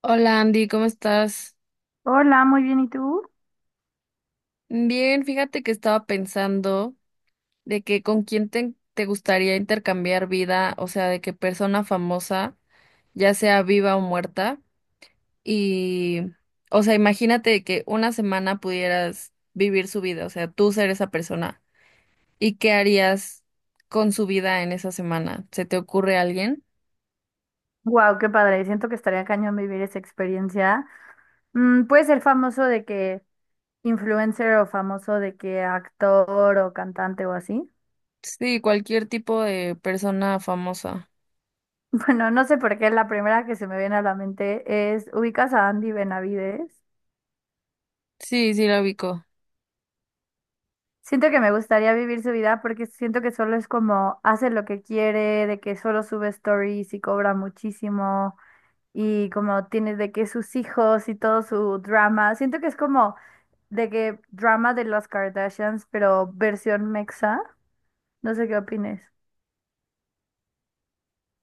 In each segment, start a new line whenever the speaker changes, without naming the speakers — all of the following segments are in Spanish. Hola Andy, ¿cómo estás?
Hola, muy bien, ¿y tú?
Bien, fíjate que estaba pensando de que con quién te gustaría intercambiar vida, o sea, de qué persona famosa, ya sea viva o muerta, y, o sea, imagínate de que una semana pudieras vivir su vida, o sea, tú ser esa persona, ¿y qué harías con su vida en esa semana? ¿Se te ocurre alguien?
Wow, qué padre. Siento que estaría cañón vivir esa experiencia. Puede ser famoso de que influencer o famoso de que actor o cantante o así.
Sí, cualquier tipo de persona famosa.
Bueno, no sé por qué la primera que se me viene a la mente es, ¿ubicas a Andy Benavides?
Sí, sí, la ubico.
Siento que me gustaría vivir su vida porque siento que solo es como hace lo que quiere, de que solo sube stories y cobra muchísimo y como tiene de que sus hijos y todo su drama. Siento que es como de que drama de las Kardashians, pero versión mexa. No sé qué opines.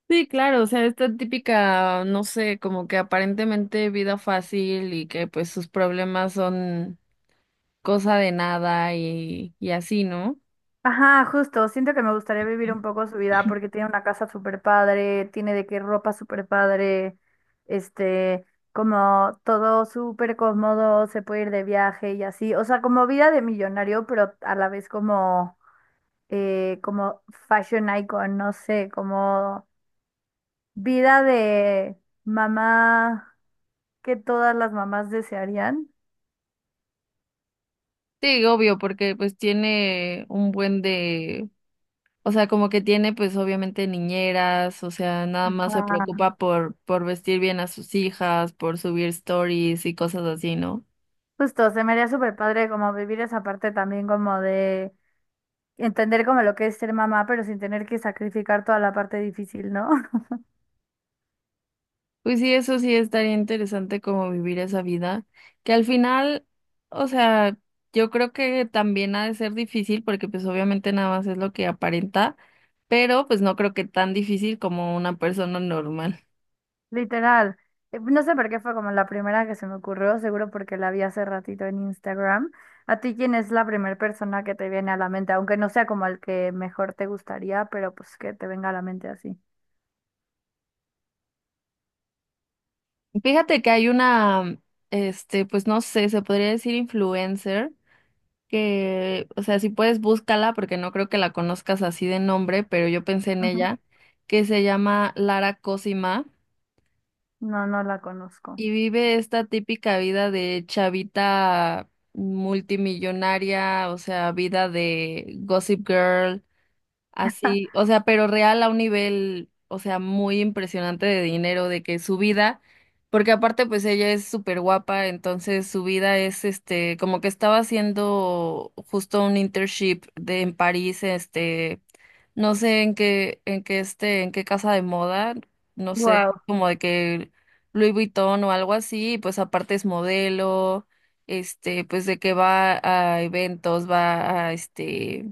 Sí, claro, o sea, esta típica, no sé, como que aparentemente vida fácil y que pues sus problemas son cosa de nada y así, ¿no?
Ajá, justo. Siento que me gustaría vivir un poco su vida porque tiene una casa súper padre, tiene de qué ropa súper padre, este, como todo súper cómodo, se puede ir de viaje y así. O sea, como vida de millonario, pero a la vez como, como fashion icon, no sé, como vida de mamá que todas las mamás desearían.
Sí, obvio, porque pues tiene un buen de, o sea, como que tiene pues obviamente niñeras, o sea, nada más se
Ah,
preocupa por vestir bien a sus hijas, por subir stories y cosas así, ¿no?
justo, se me haría súper padre como vivir esa parte también como de entender como lo que es ser mamá, pero sin tener que sacrificar toda la parte difícil, ¿no?
Pues sí, eso sí estaría interesante como vivir esa vida, que al final, o sea, yo creo que también ha de ser difícil porque pues obviamente nada más es lo que aparenta, pero pues no creo que tan difícil como una persona normal.
Literal. No sé por qué fue como la primera que se me ocurrió, seguro porque la vi hace ratito en Instagram. ¿A ti quién es la primera persona que te viene a la mente? Aunque no sea como el que mejor te gustaría, pero pues que te venga a la mente así.
Fíjate que hay una, este, pues no sé, se podría decir influencer, que, o sea, si puedes búscala porque no creo que la conozcas así de nombre, pero yo pensé en
Ujú.
ella, que se llama Lara Cosima.
No, no la conozco.
Y vive esta típica vida de chavita multimillonaria, o sea, vida de Gossip Girl, así, o sea, pero real a un nivel, o sea, muy impresionante de dinero, de que su vida, porque aparte pues ella es súper guapa, entonces su vida es este, como que estaba haciendo justo un internship de en París, este, no sé en qué este, en qué casa de moda, no sé,
Wow.
como de que Louis Vuitton o algo así, y pues aparte es modelo, este, pues de que va a eventos, va a este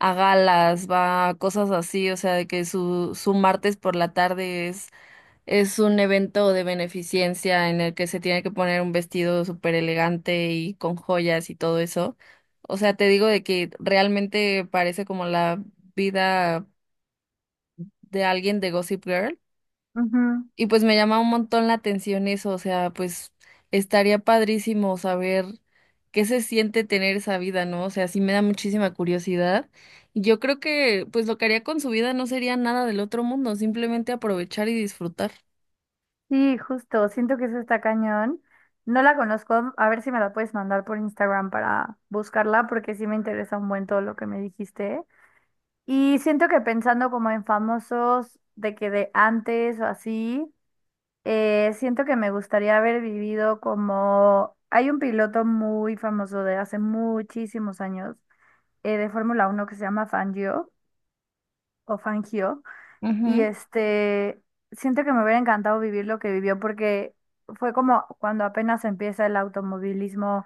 a galas, va a cosas así, o sea, de que su martes por la tarde es un evento de beneficencia en el que se tiene que poner un vestido súper elegante y con joyas y todo eso. O sea, te digo de que realmente parece como la vida de alguien de Gossip Girl. Y pues me llama un montón la atención eso, o sea, pues estaría padrísimo saber qué se siente tener esa vida, ¿no? O sea, sí me da muchísima curiosidad. Y yo creo que pues lo que haría con su vida no sería nada del otro mundo, simplemente aprovechar y disfrutar.
Sí, justo, siento que eso está cañón. No la conozco, a ver si me la puedes mandar por Instagram para buscarla, porque sí me interesa un buen todo lo que me dijiste. Y siento que pensando como en famosos de que de antes o así, siento que me gustaría haber vivido como... Hay un piloto muy famoso de hace muchísimos años de Fórmula Uno que se llama Fangio o Fangio. Y
Ujú.
este, Siento que me hubiera encantado vivir lo que vivió porque fue como cuando apenas empieza el automovilismo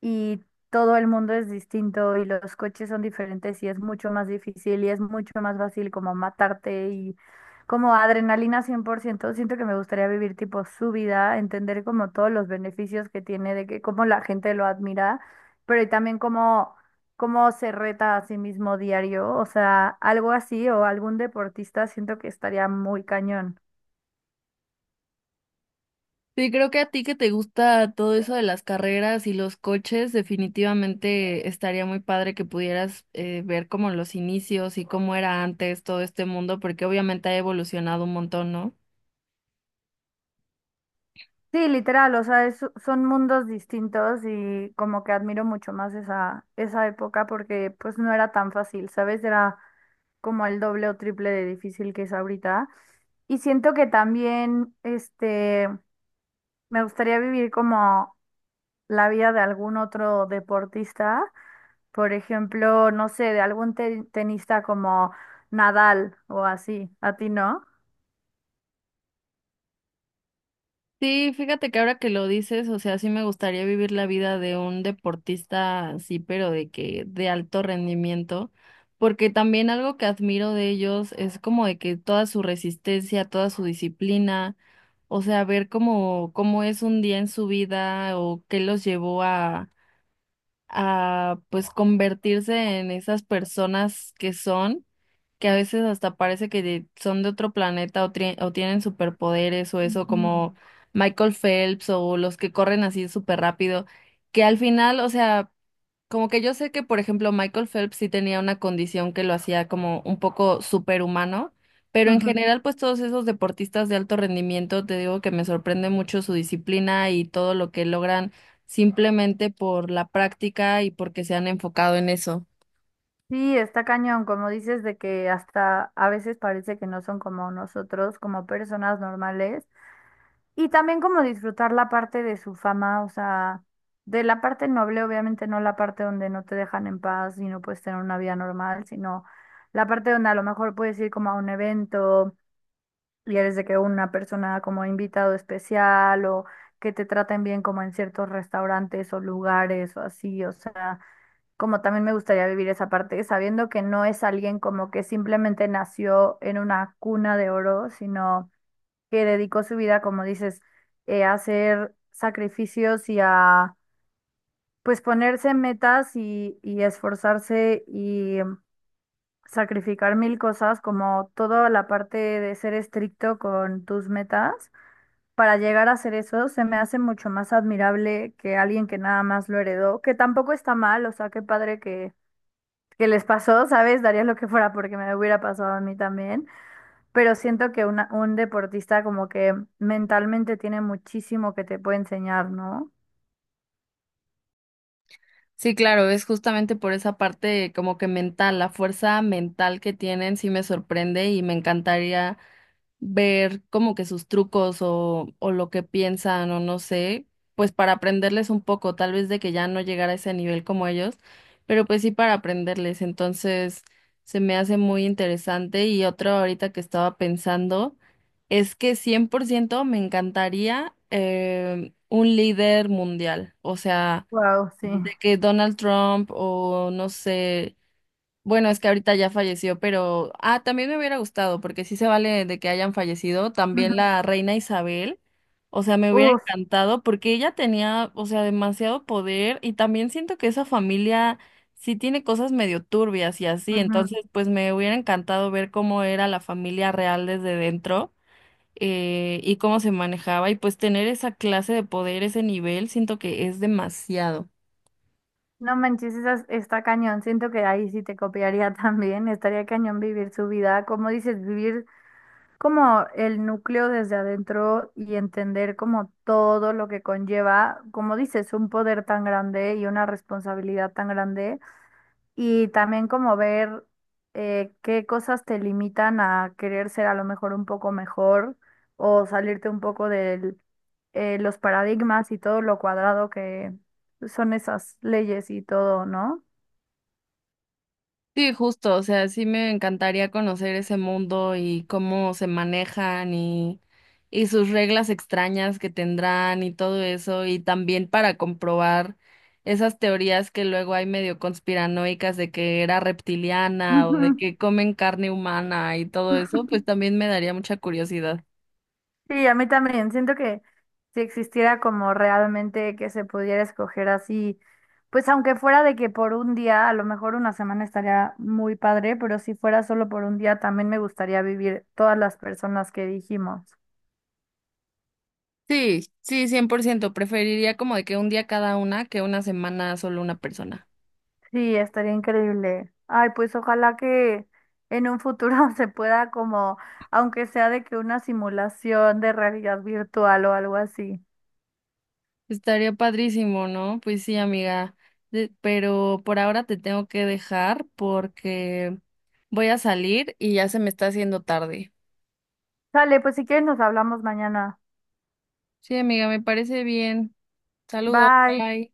y todo el mundo es distinto y los coches son diferentes y es mucho más difícil y es mucho más fácil como matarte y como adrenalina 100%. Siento que me gustaría vivir tipo su vida, entender como todos los beneficios que tiene, de que cómo la gente lo admira, pero y también cómo, cómo se reta a sí mismo diario. O sea, algo así o algún deportista siento que estaría muy cañón.
Sí, creo que a ti que te gusta todo eso de las carreras y los coches, definitivamente estaría muy padre que pudieras ver como los inicios y cómo era antes todo este mundo, porque obviamente ha evolucionado un montón, ¿no?
Sí, literal, o sea, son mundos distintos y como que admiro mucho más esa, esa época porque pues no era tan fácil, ¿sabes? Era como el doble o triple de difícil que es ahorita. Y siento que también, me gustaría vivir como la vida de algún otro deportista, por ejemplo, no sé, de algún tenista como Nadal o así, ¿a ti no?
Sí, fíjate que ahora que lo dices, o sea, sí me gustaría vivir la vida de un deportista, sí, pero de que de alto rendimiento, porque también algo que admiro de ellos es como de que toda su resistencia, toda su disciplina, o sea, ver cómo es un día en su vida o qué los llevó a pues convertirse en esas personas que son, que a veces hasta parece que son de otro planeta o, o tienen superpoderes o eso, como Michael Phelps o los que corren así súper rápido, que al final, o sea... Como que yo sé que, por ejemplo, Michael Phelps sí tenía una condición que lo hacía como un poco superhumano, pero en
Ujú.
general, pues todos esos deportistas de alto rendimiento, te digo que me sorprende mucho su disciplina y todo lo que logran simplemente por la práctica y porque se han enfocado en eso.
Sí, está cañón, como dices, de que hasta a veces parece que no son como nosotros, como personas normales, y también como disfrutar la parte de su fama, o sea, de la parte noble, obviamente no la parte donde no te dejan en paz y no puedes tener una vida normal, sino la parte donde a lo mejor puedes ir como a un evento y eres de que una persona como invitado especial o que te traten bien como en ciertos restaurantes o lugares o así, o sea como también me gustaría vivir esa parte, sabiendo que no es alguien como que simplemente nació en una cuna de oro, sino que dedicó su vida, como dices, a hacer sacrificios y a pues ponerse metas y esforzarse y sacrificar mil cosas, como toda la parte de ser estricto con tus metas. Para llegar a hacer eso, se me hace mucho más admirable que alguien que nada más lo heredó, que tampoco está mal, o sea, qué padre que les pasó, ¿sabes? Daría lo que fuera porque me hubiera pasado a mí también, pero siento que un deportista como que mentalmente tiene muchísimo que te puede enseñar, ¿no?
Sí, claro, es justamente por esa parte como que mental, la fuerza mental que tienen, sí me sorprende y me encantaría ver como que sus trucos o lo que piensan o no sé, pues para aprenderles un poco, tal vez de que ya no llegara a ese nivel como ellos, pero pues sí para aprenderles. Entonces se me hace muy interesante y otro ahorita que estaba pensando es que 100% me encantaría un líder mundial, o sea,
Wow, sí.
de que Donald Trump o no sé. Bueno, es que ahorita ya falleció, pero también me hubiera gustado, porque sí se vale de que hayan fallecido, también
Ujú.
la reina Isabel. O sea, me hubiera
Uf,
encantado porque ella tenía, o sea, demasiado poder y también siento que esa familia sí tiene cosas medio turbias y así,
ujú.
entonces pues me hubiera encantado ver cómo era la familia real desde dentro y cómo se manejaba y pues tener esa clase de poder, ese nivel, siento que es demasiado.
No manches, esa, está cañón. Siento que ahí sí te copiaría también. Estaría cañón vivir su vida, como dices, vivir como el núcleo desde adentro y entender como todo lo que conlleva, como dices, un poder tan grande y una responsabilidad tan grande. Y también como ver qué cosas te limitan a querer ser a lo mejor un poco mejor o salirte un poco de los paradigmas y todo lo cuadrado que son esas leyes y todo, ¿no?
Sí, justo, o sea, sí me encantaría conocer ese mundo y cómo se manejan y sus reglas extrañas que tendrán y todo eso, y también para comprobar esas teorías que luego hay medio conspiranoicas de que era reptiliana o de
Ujú.
que comen carne humana y todo eso, pues también me daría mucha curiosidad.
Sí, a mí también. Siento que si existiera como realmente que se pudiera escoger así, pues aunque fuera de que por un día, a lo mejor una semana estaría muy padre, pero si fuera solo por un día, también me gustaría vivir todas las personas que dijimos.
Sí, sí, 100%. Preferiría como de que un día cada una que una semana solo una persona.
Sí, estaría increíble. Ay, pues ojalá que en un futuro se pueda como, aunque sea de que una simulación de realidad virtual o algo así.
Estaría padrísimo, ¿no? Pues sí, amiga. Pero por ahora te tengo que dejar porque voy a salir y ya se me está haciendo tarde.
Sale, pues si quieres nos hablamos mañana.
Sí, amiga, me parece bien. Saludos,
Bye.
bye.